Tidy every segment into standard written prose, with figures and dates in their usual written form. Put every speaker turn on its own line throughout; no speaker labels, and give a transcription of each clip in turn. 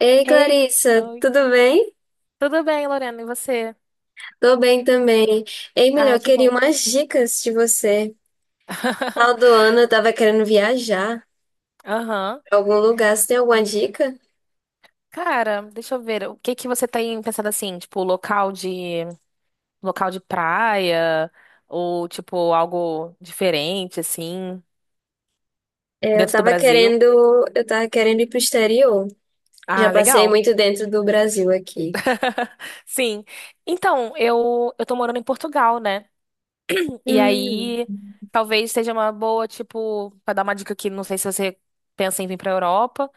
Ei,
Ei,
Clarissa,
oi.
tudo bem?
Tudo bem, Lorena? E você?
Tô bem também. Ei, melhor, eu
Ai, que
queria
bom.
umas dicas de você. No final do ano eu tava querendo viajar
Aham.
pra algum lugar. Você tem alguma dica?
Cara, deixa eu ver. O que que você tem pensado, assim, tipo, local de praia ou tipo algo diferente, assim,
É, Eu
dentro do
tava
Brasil?
querendo, eu tava querendo ir pro exterior. Já
Ah,
passei
legal.
muito dentro do Brasil aqui.
Sim. Então, eu tô morando em Portugal, né? E
Hum.
aí talvez seja uma boa, tipo, pra dar uma dica aqui, não sei se você pensa em vir pra Europa,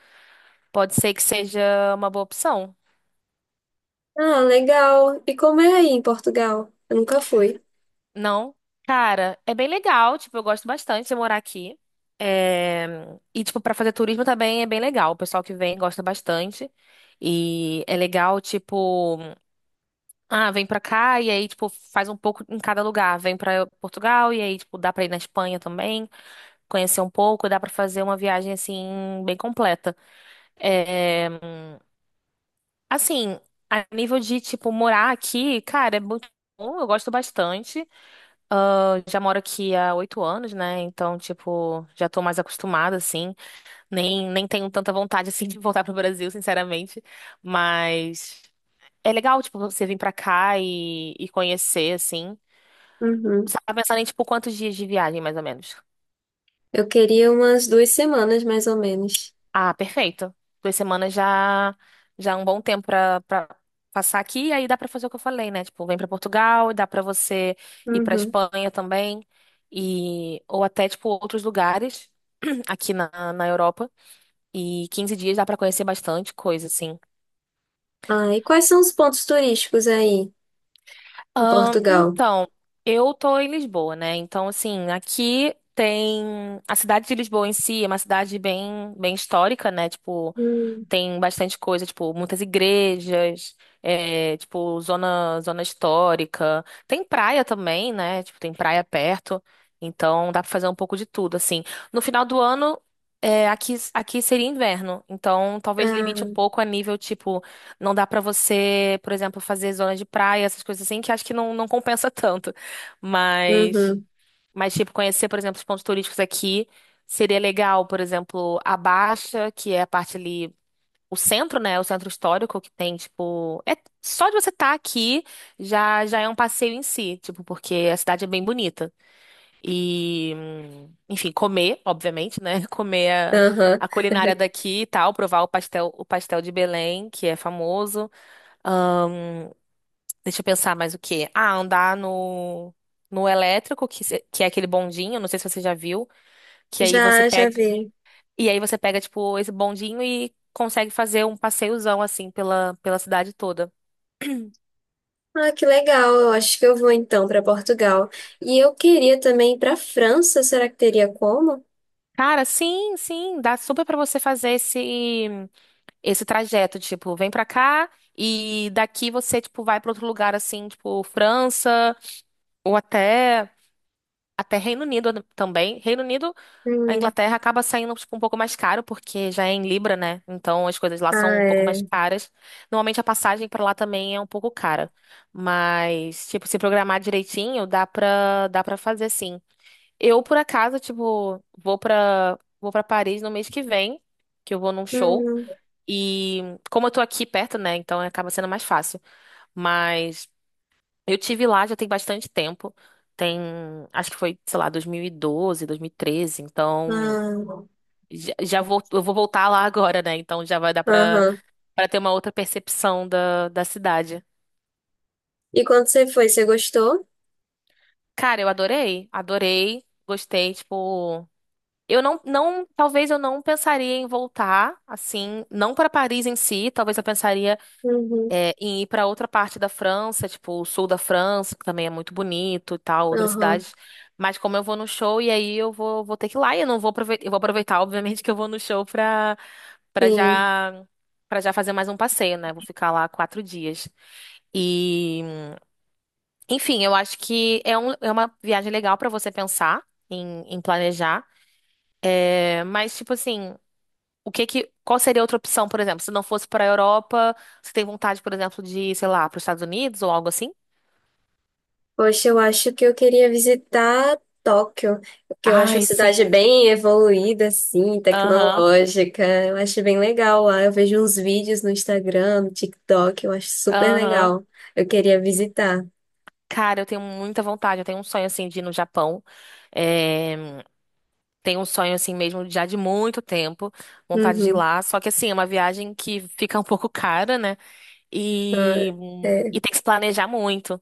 pode ser que seja uma boa opção.
Ah, legal. E como é aí em Portugal? Eu nunca fui.
Não. Cara, é bem legal, tipo, eu gosto bastante de morar aqui. É, e, tipo, pra fazer turismo também é bem legal. O pessoal que vem gosta bastante. E é legal, tipo, ah, vem pra cá e aí, tipo, faz um pouco em cada lugar. Vem pra Portugal e aí, tipo, dá pra ir na Espanha também, conhecer um pouco, dá pra fazer uma viagem, assim, bem completa. É, assim, a nível de, tipo, morar aqui, cara, é muito bom, eu gosto bastante. Já moro aqui há 8 anos, né? Então, tipo, já tô mais acostumada, assim. Nem tenho tanta vontade, assim, de voltar pro Brasil, sinceramente. Mas é legal, tipo, você vir pra cá e conhecer, assim.
Uhum.
Você tá pensando em, tipo, quantos dias de viagem, mais ou menos?
Eu queria umas 2 semanas, mais ou menos.
Ah, perfeito. 2 semanas já é um bom tempo pra para passar aqui e aí dá pra fazer o que eu falei, né? Tipo, vem pra Portugal, dá pra você ir pra
Uhum.
Espanha também e ou até tipo outros lugares aqui na Europa e 15 dias dá pra conhecer bastante coisa, assim.
Ah, e quais são os pontos turísticos aí em Portugal?
Então, eu tô em Lisboa, né? Então, assim, aqui tem a cidade de Lisboa em si, é uma cidade bem bem histórica, né? Tipo, tem bastante coisa, tipo, muitas igrejas, é, tipo, zona histórica. Tem praia também, né? Tipo, tem praia perto. Então dá pra fazer um pouco de tudo, assim. No final do ano, é, aqui seria inverno. Então talvez
Ah,
limite um pouco a nível, tipo, não dá pra você, por exemplo, fazer zona de praia, essas coisas assim, que acho que não, não compensa tanto. Mas,
uhum,
mas, tipo, conhecer, por exemplo, os pontos turísticos aqui. Seria legal, por exemplo, a Baixa, que é a parte ali, o centro, né? O centro histórico que tem, tipo, é só de você estar aqui, já é um passeio em si, tipo, porque a cidade é bem bonita. E, enfim, comer, obviamente, né? Comer a,
aham.
a culinária daqui e tal, provar o pastel de Belém, que é famoso. Deixa eu pensar mais o quê? Ah, andar no elétrico, que, que é aquele bondinho, não sei se você já viu, que aí você
Já, já
pega
vi.
e aí você pega tipo esse bondinho e consegue fazer um passeiozão, assim, pela cidade toda.
Ah, que legal. Eu acho que eu vou então para Portugal. E eu queria também ir para França. Será que teria como?
Cara, sim, sim, dá super pra você fazer esse trajeto, tipo, vem pra cá e daqui você tipo vai pra outro lugar, assim, tipo França ou até Reino Unido também. Reino Unido, a
Hum.
Inglaterra acaba saindo tipo um pouco mais caro porque já é em libra, né? Então as coisas lá são
Ah,
um pouco mais
é.
caras. Normalmente a passagem pra lá também é um pouco cara, mas tipo se programar direitinho, dá para fazer, sim. Eu, por acaso, tipo, vou pra Paris no mês que vem, que eu vou num show.
Hum.
E como eu tô aqui perto, né? Então acaba sendo mais fácil. Mas eu tive lá já tem bastante tempo. Tem, acho que foi, sei lá, 2012, 2013. Então
Ah.
eu vou voltar lá agora, né? Então já vai dar pra,
Aham.
pra ter uma outra percepção da cidade.
E quando você foi, você gostou?
Cara, eu adorei, adorei, gostei, tipo. Eu não, não, talvez eu não pensaria em voltar, assim, não para Paris em si, talvez eu pensaria,
Uhum.
em ir para outra parte da França, tipo o sul da França, que também é muito bonito e tal, outras
Aham.
cidades. Mas como eu vou no show e aí eu vou ter que ir lá e eu não vou aproveitar, eu vou aproveitar, obviamente, que eu vou no show, para para
Sim.
já já fazer mais um passeio, né? Vou ficar lá 4 dias. E, enfim, eu acho que é uma viagem legal para você pensar em planejar. É, mas, tipo assim. O que que, qual seria outra opção, por exemplo, se não fosse para a Europa, você tem vontade, por exemplo, de, sei lá, para os Estados Unidos ou algo assim?
Poxa, eu acho que eu queria visitar Tóquio, porque eu acho uma
Ai,
cidade
sim.
bem evoluída, assim,
Aham,
tecnológica. Eu acho bem legal lá. Eu vejo uns vídeos no Instagram, no TikTok, eu acho super
aham.
legal. Eu queria visitar.
Cara, eu tenho muita vontade, eu tenho um sonho, assim, de ir no Japão. É, tenho um sonho assim mesmo, já de muito tempo, vontade de ir
Uhum.
lá. Só que, assim, é uma viagem que fica um pouco cara, né?
Ah,
E,
é.
e, tem que se planejar muito.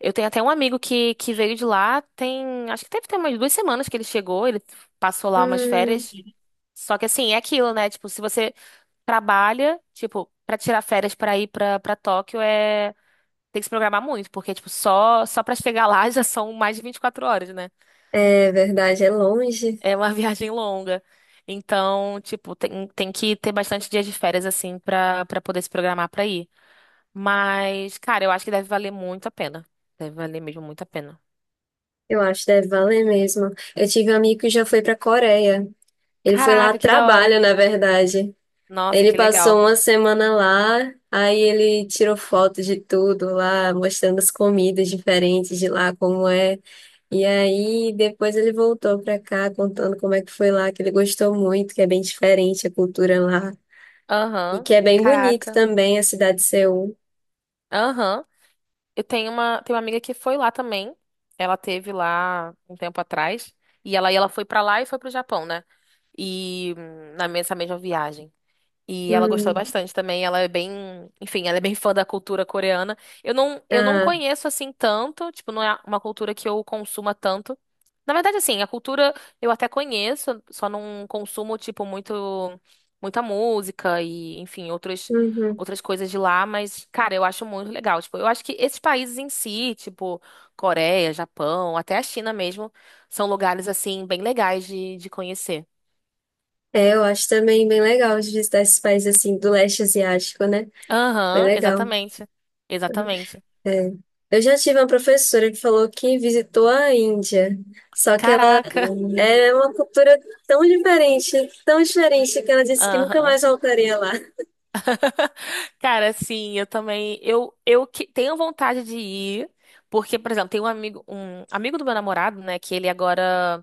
Eu tenho até um amigo que veio de lá, tem, acho que deve ter umas 2 semanas que ele chegou, ele passou lá umas
Hum,
férias. Só que, assim, é aquilo, né? Tipo, se você trabalha, tipo, pra tirar férias pra ir pra Tóquio é, tem que se programar muito, porque tipo, só para chegar lá já são mais de 24 horas, né?
é verdade, é longe.
É uma viagem longa. Então, tipo, tem que ter bastante dias de férias, assim, pra para poder se programar pra ir. Mas, cara, eu acho que deve valer muito a pena. Deve valer mesmo muito a pena.
Eu acho, deve valer mesmo. Eu tive um amigo que já foi para Coreia. Ele foi lá a
Caraca, que da hora.
trabalho, na verdade.
Nossa,
Ele
que
passou
legal.
uma semana lá, aí ele tirou foto de tudo lá, mostrando as comidas diferentes de lá, como é. E aí depois ele voltou pra cá, contando como é que foi lá, que ele gostou muito, que é bem diferente a cultura lá. E
Aham.
que é bem bonito
Caraca.
também a cidade de Seul.
Aham. Eu tenho uma amiga que foi lá também. Ela teve lá um tempo atrás. E ela foi pra lá e foi pro Japão, né? E, na mesma, essa mesma viagem. E ela gostou
Hum,
bastante também. Ela é bem, enfim, ela é bem fã da cultura coreana. Eu não
ah,
conheço, assim, tanto, tipo, não é uma cultura que eu consuma tanto. Na verdade, assim, a cultura eu até conheço, só não consumo, tipo, muito, muita música e, enfim, outros,
uhum.
outras coisas de lá, mas, cara, eu acho muito legal. Tipo, eu acho que esses países em si, tipo, Coreia, Japão, até a China mesmo, são lugares, assim, bem legais de conhecer.
É, eu acho também bem legal de visitar esses países assim do leste asiático, né? Bem
Aham,
legal.
exatamente. Exatamente.
É. Eu já tive uma professora que falou que visitou a Índia, só que ela
Caraca.
é uma cultura tão diferente, tão diferente, que ela disse que nunca
Aham.
mais voltaria lá.
Cara, assim, eu também, eu tenho vontade de ir, porque, por exemplo, tem um amigo do meu namorado, né, que ele agora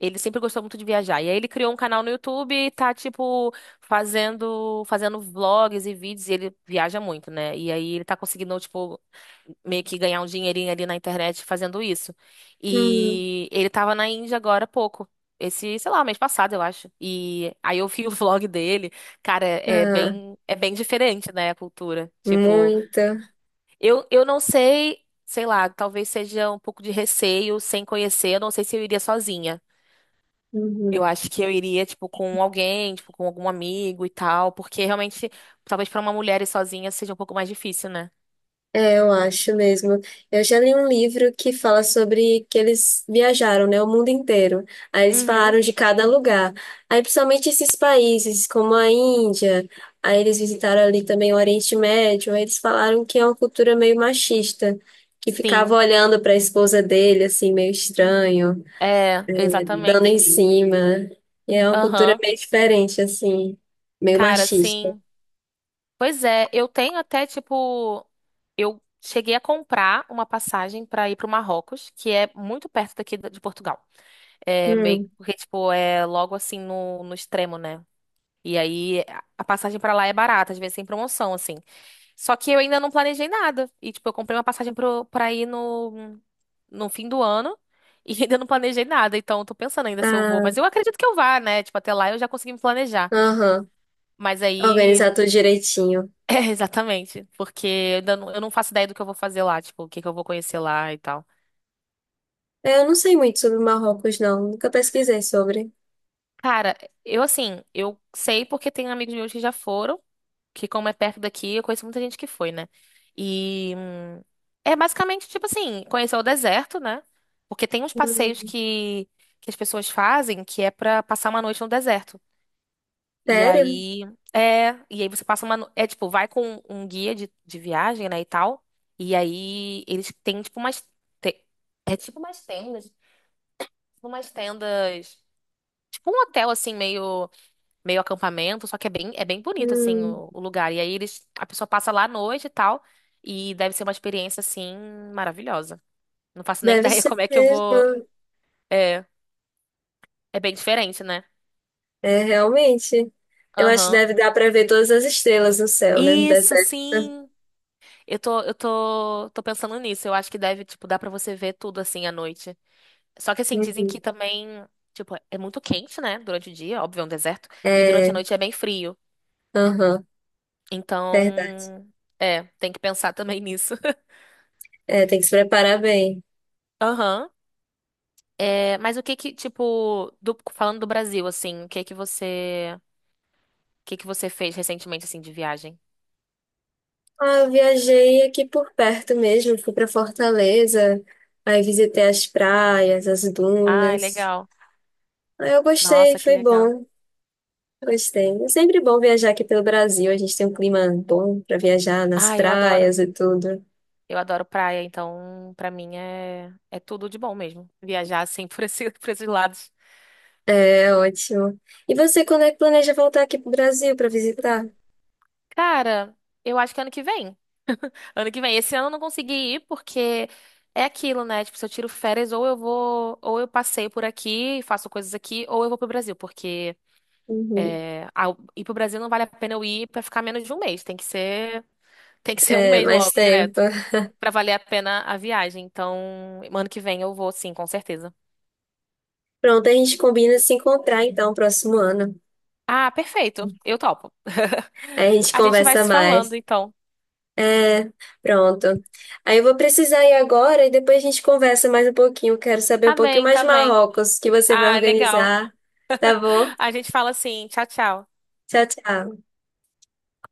ele sempre gostou muito de viajar. E aí ele criou um canal no YouTube e tá, tipo, fazendo vlogs e vídeos. E ele viaja muito, né? E aí ele tá conseguindo, tipo, meio que ganhar um dinheirinho ali na internet fazendo isso.
Hum.
E ele tava na Índia agora há pouco. Esse, sei lá, mês passado, eu acho. E aí eu vi o vlog dele. Cara, é
Ah,
bem, é bem diferente, né, a cultura. Tipo,
muita.
eu não sei, sei lá, talvez seja um pouco de receio sem conhecer. Eu não sei se eu iria sozinha. Eu acho que eu iria, tipo, com alguém, tipo, com algum amigo e tal, porque realmente, talvez pra uma mulher ir sozinha seja um pouco mais difícil, né?
É, eu acho mesmo. Eu já li um livro que fala sobre que eles viajaram, né, o mundo inteiro. Aí eles
Uhum,
falaram de cada lugar. Aí principalmente esses países, como a Índia, aí eles visitaram ali também o Oriente Médio, aí eles falaram que é uma cultura meio machista, que ficava
sim,
olhando para a esposa dele assim meio estranho,
é,
dando em
exatamente.
cima. E é uma cultura
Aham,
meio diferente assim, meio
cara,
machista.
sim. Pois é, eu tenho até, tipo, eu cheguei a comprar uma passagem pra ir pro Marrocos, que é muito perto daqui de Portugal. É meio,
Hum.
porque, tipo, é logo, assim, no extremo, né? E aí a passagem pra lá é barata, às vezes sem promoção, assim. Só que eu ainda não planejei nada. E, tipo, eu comprei uma passagem pra ir no fim do ano e ainda não planejei nada. Então, eu tô pensando ainda se eu vou.
Ah,
Mas eu acredito que eu vá, né? Tipo, até lá eu já consegui me planejar.
aham.
Mas aí.
Organizar tudo direitinho.
É, exatamente. Porque eu, ainda não, eu não faço ideia do que eu vou fazer lá. Tipo, o que que eu vou conhecer lá e tal.
Eu não sei muito sobre o Marrocos, não. Nunca pesquisei sobre.
Cara, eu, assim, eu sei porque tem amigos meus que já foram. Que como é perto daqui, eu conheço muita gente que foi, né? E, é basicamente tipo assim, conhecer o deserto, né? Porque tem uns passeios
Hum,
que as pessoas fazem que é pra passar uma noite no deserto. E
Sério?
aí e aí você passa uma, no- é tipo, vai com um guia de viagem, né, e tal. E aí eles têm tipo umas te- é tipo umas tendas, tipo um hotel, assim, meio acampamento, só que é bem bonito, assim,
Hum,
o lugar. E aí eles, a pessoa passa lá à noite e tal, e deve ser uma experiência, assim, maravilhosa. Não faço nem
deve
ideia
ser
como é que eu vou.
mesmo.
É, é bem diferente, né?
É, realmente. Eu acho que
Aham.
deve dar para ver todas as estrelas no céu, né? No
Isso,
deserto.
sim. Eu tô pensando nisso. Eu acho que deve, tipo, dar pra você ver tudo, assim, à noite. Só que, assim, dizem
Uhum.
que também, tipo, é muito quente, né? Durante o dia, óbvio, é um deserto. E durante a
É,
noite é bem frio.
aham, verdade.
Então, tem que pensar também nisso.
É, tem que se preparar bem.
Aham. É, mas o que que, tipo, falando do Brasil, assim, o que que você fez recentemente, assim, de viagem?
Ah, eu viajei aqui por perto mesmo. Fui para Fortaleza. Aí visitei as praias, as
Ai,
dunas.
legal.
Aí eu gostei,
Nossa, que
foi
legal.
bom. Gostei. É sempre bom viajar aqui pelo Brasil. A gente tem um clima bom para viajar nas
Ai, eu adoro.
praias e tudo.
Eu adoro praia, então, pra mim é tudo de bom mesmo. Viajar, assim, por esse, por esses lados.
É ótimo. E você, quando é que planeja voltar aqui pro Brasil para visitar?
Cara, eu acho que ano que vem. Ano que vem. Esse ano eu não consegui ir porque é aquilo, né? Tipo, se eu tiro férias, ou eu vou, ou eu passeio por aqui, faço coisas aqui, ou eu vou pro Brasil, porque.
Uhum.
Ah, ir pro Brasil não vale a pena eu ir pra ficar menos de um mês. Tem que ser um
É,
mês
mais
logo,
tempo.
direto, pra valer a pena a viagem. Então, ano que vem eu vou, sim, com certeza.
Pronto, a gente combina se encontrar então próximo ano.
Ah, perfeito. Eu topo.
Aí a gente
A gente vai
conversa
se falando,
mais.
então.
É, pronto. Aí eu vou precisar ir agora e depois a gente conversa mais um pouquinho. Quero saber um
Tá
pouquinho
bem,
mais de
tá bem.
Marrocos que você vai
Ah, legal.
organizar. Tá bom?
A gente fala, assim, tchau, tchau.
Tchau, tchau.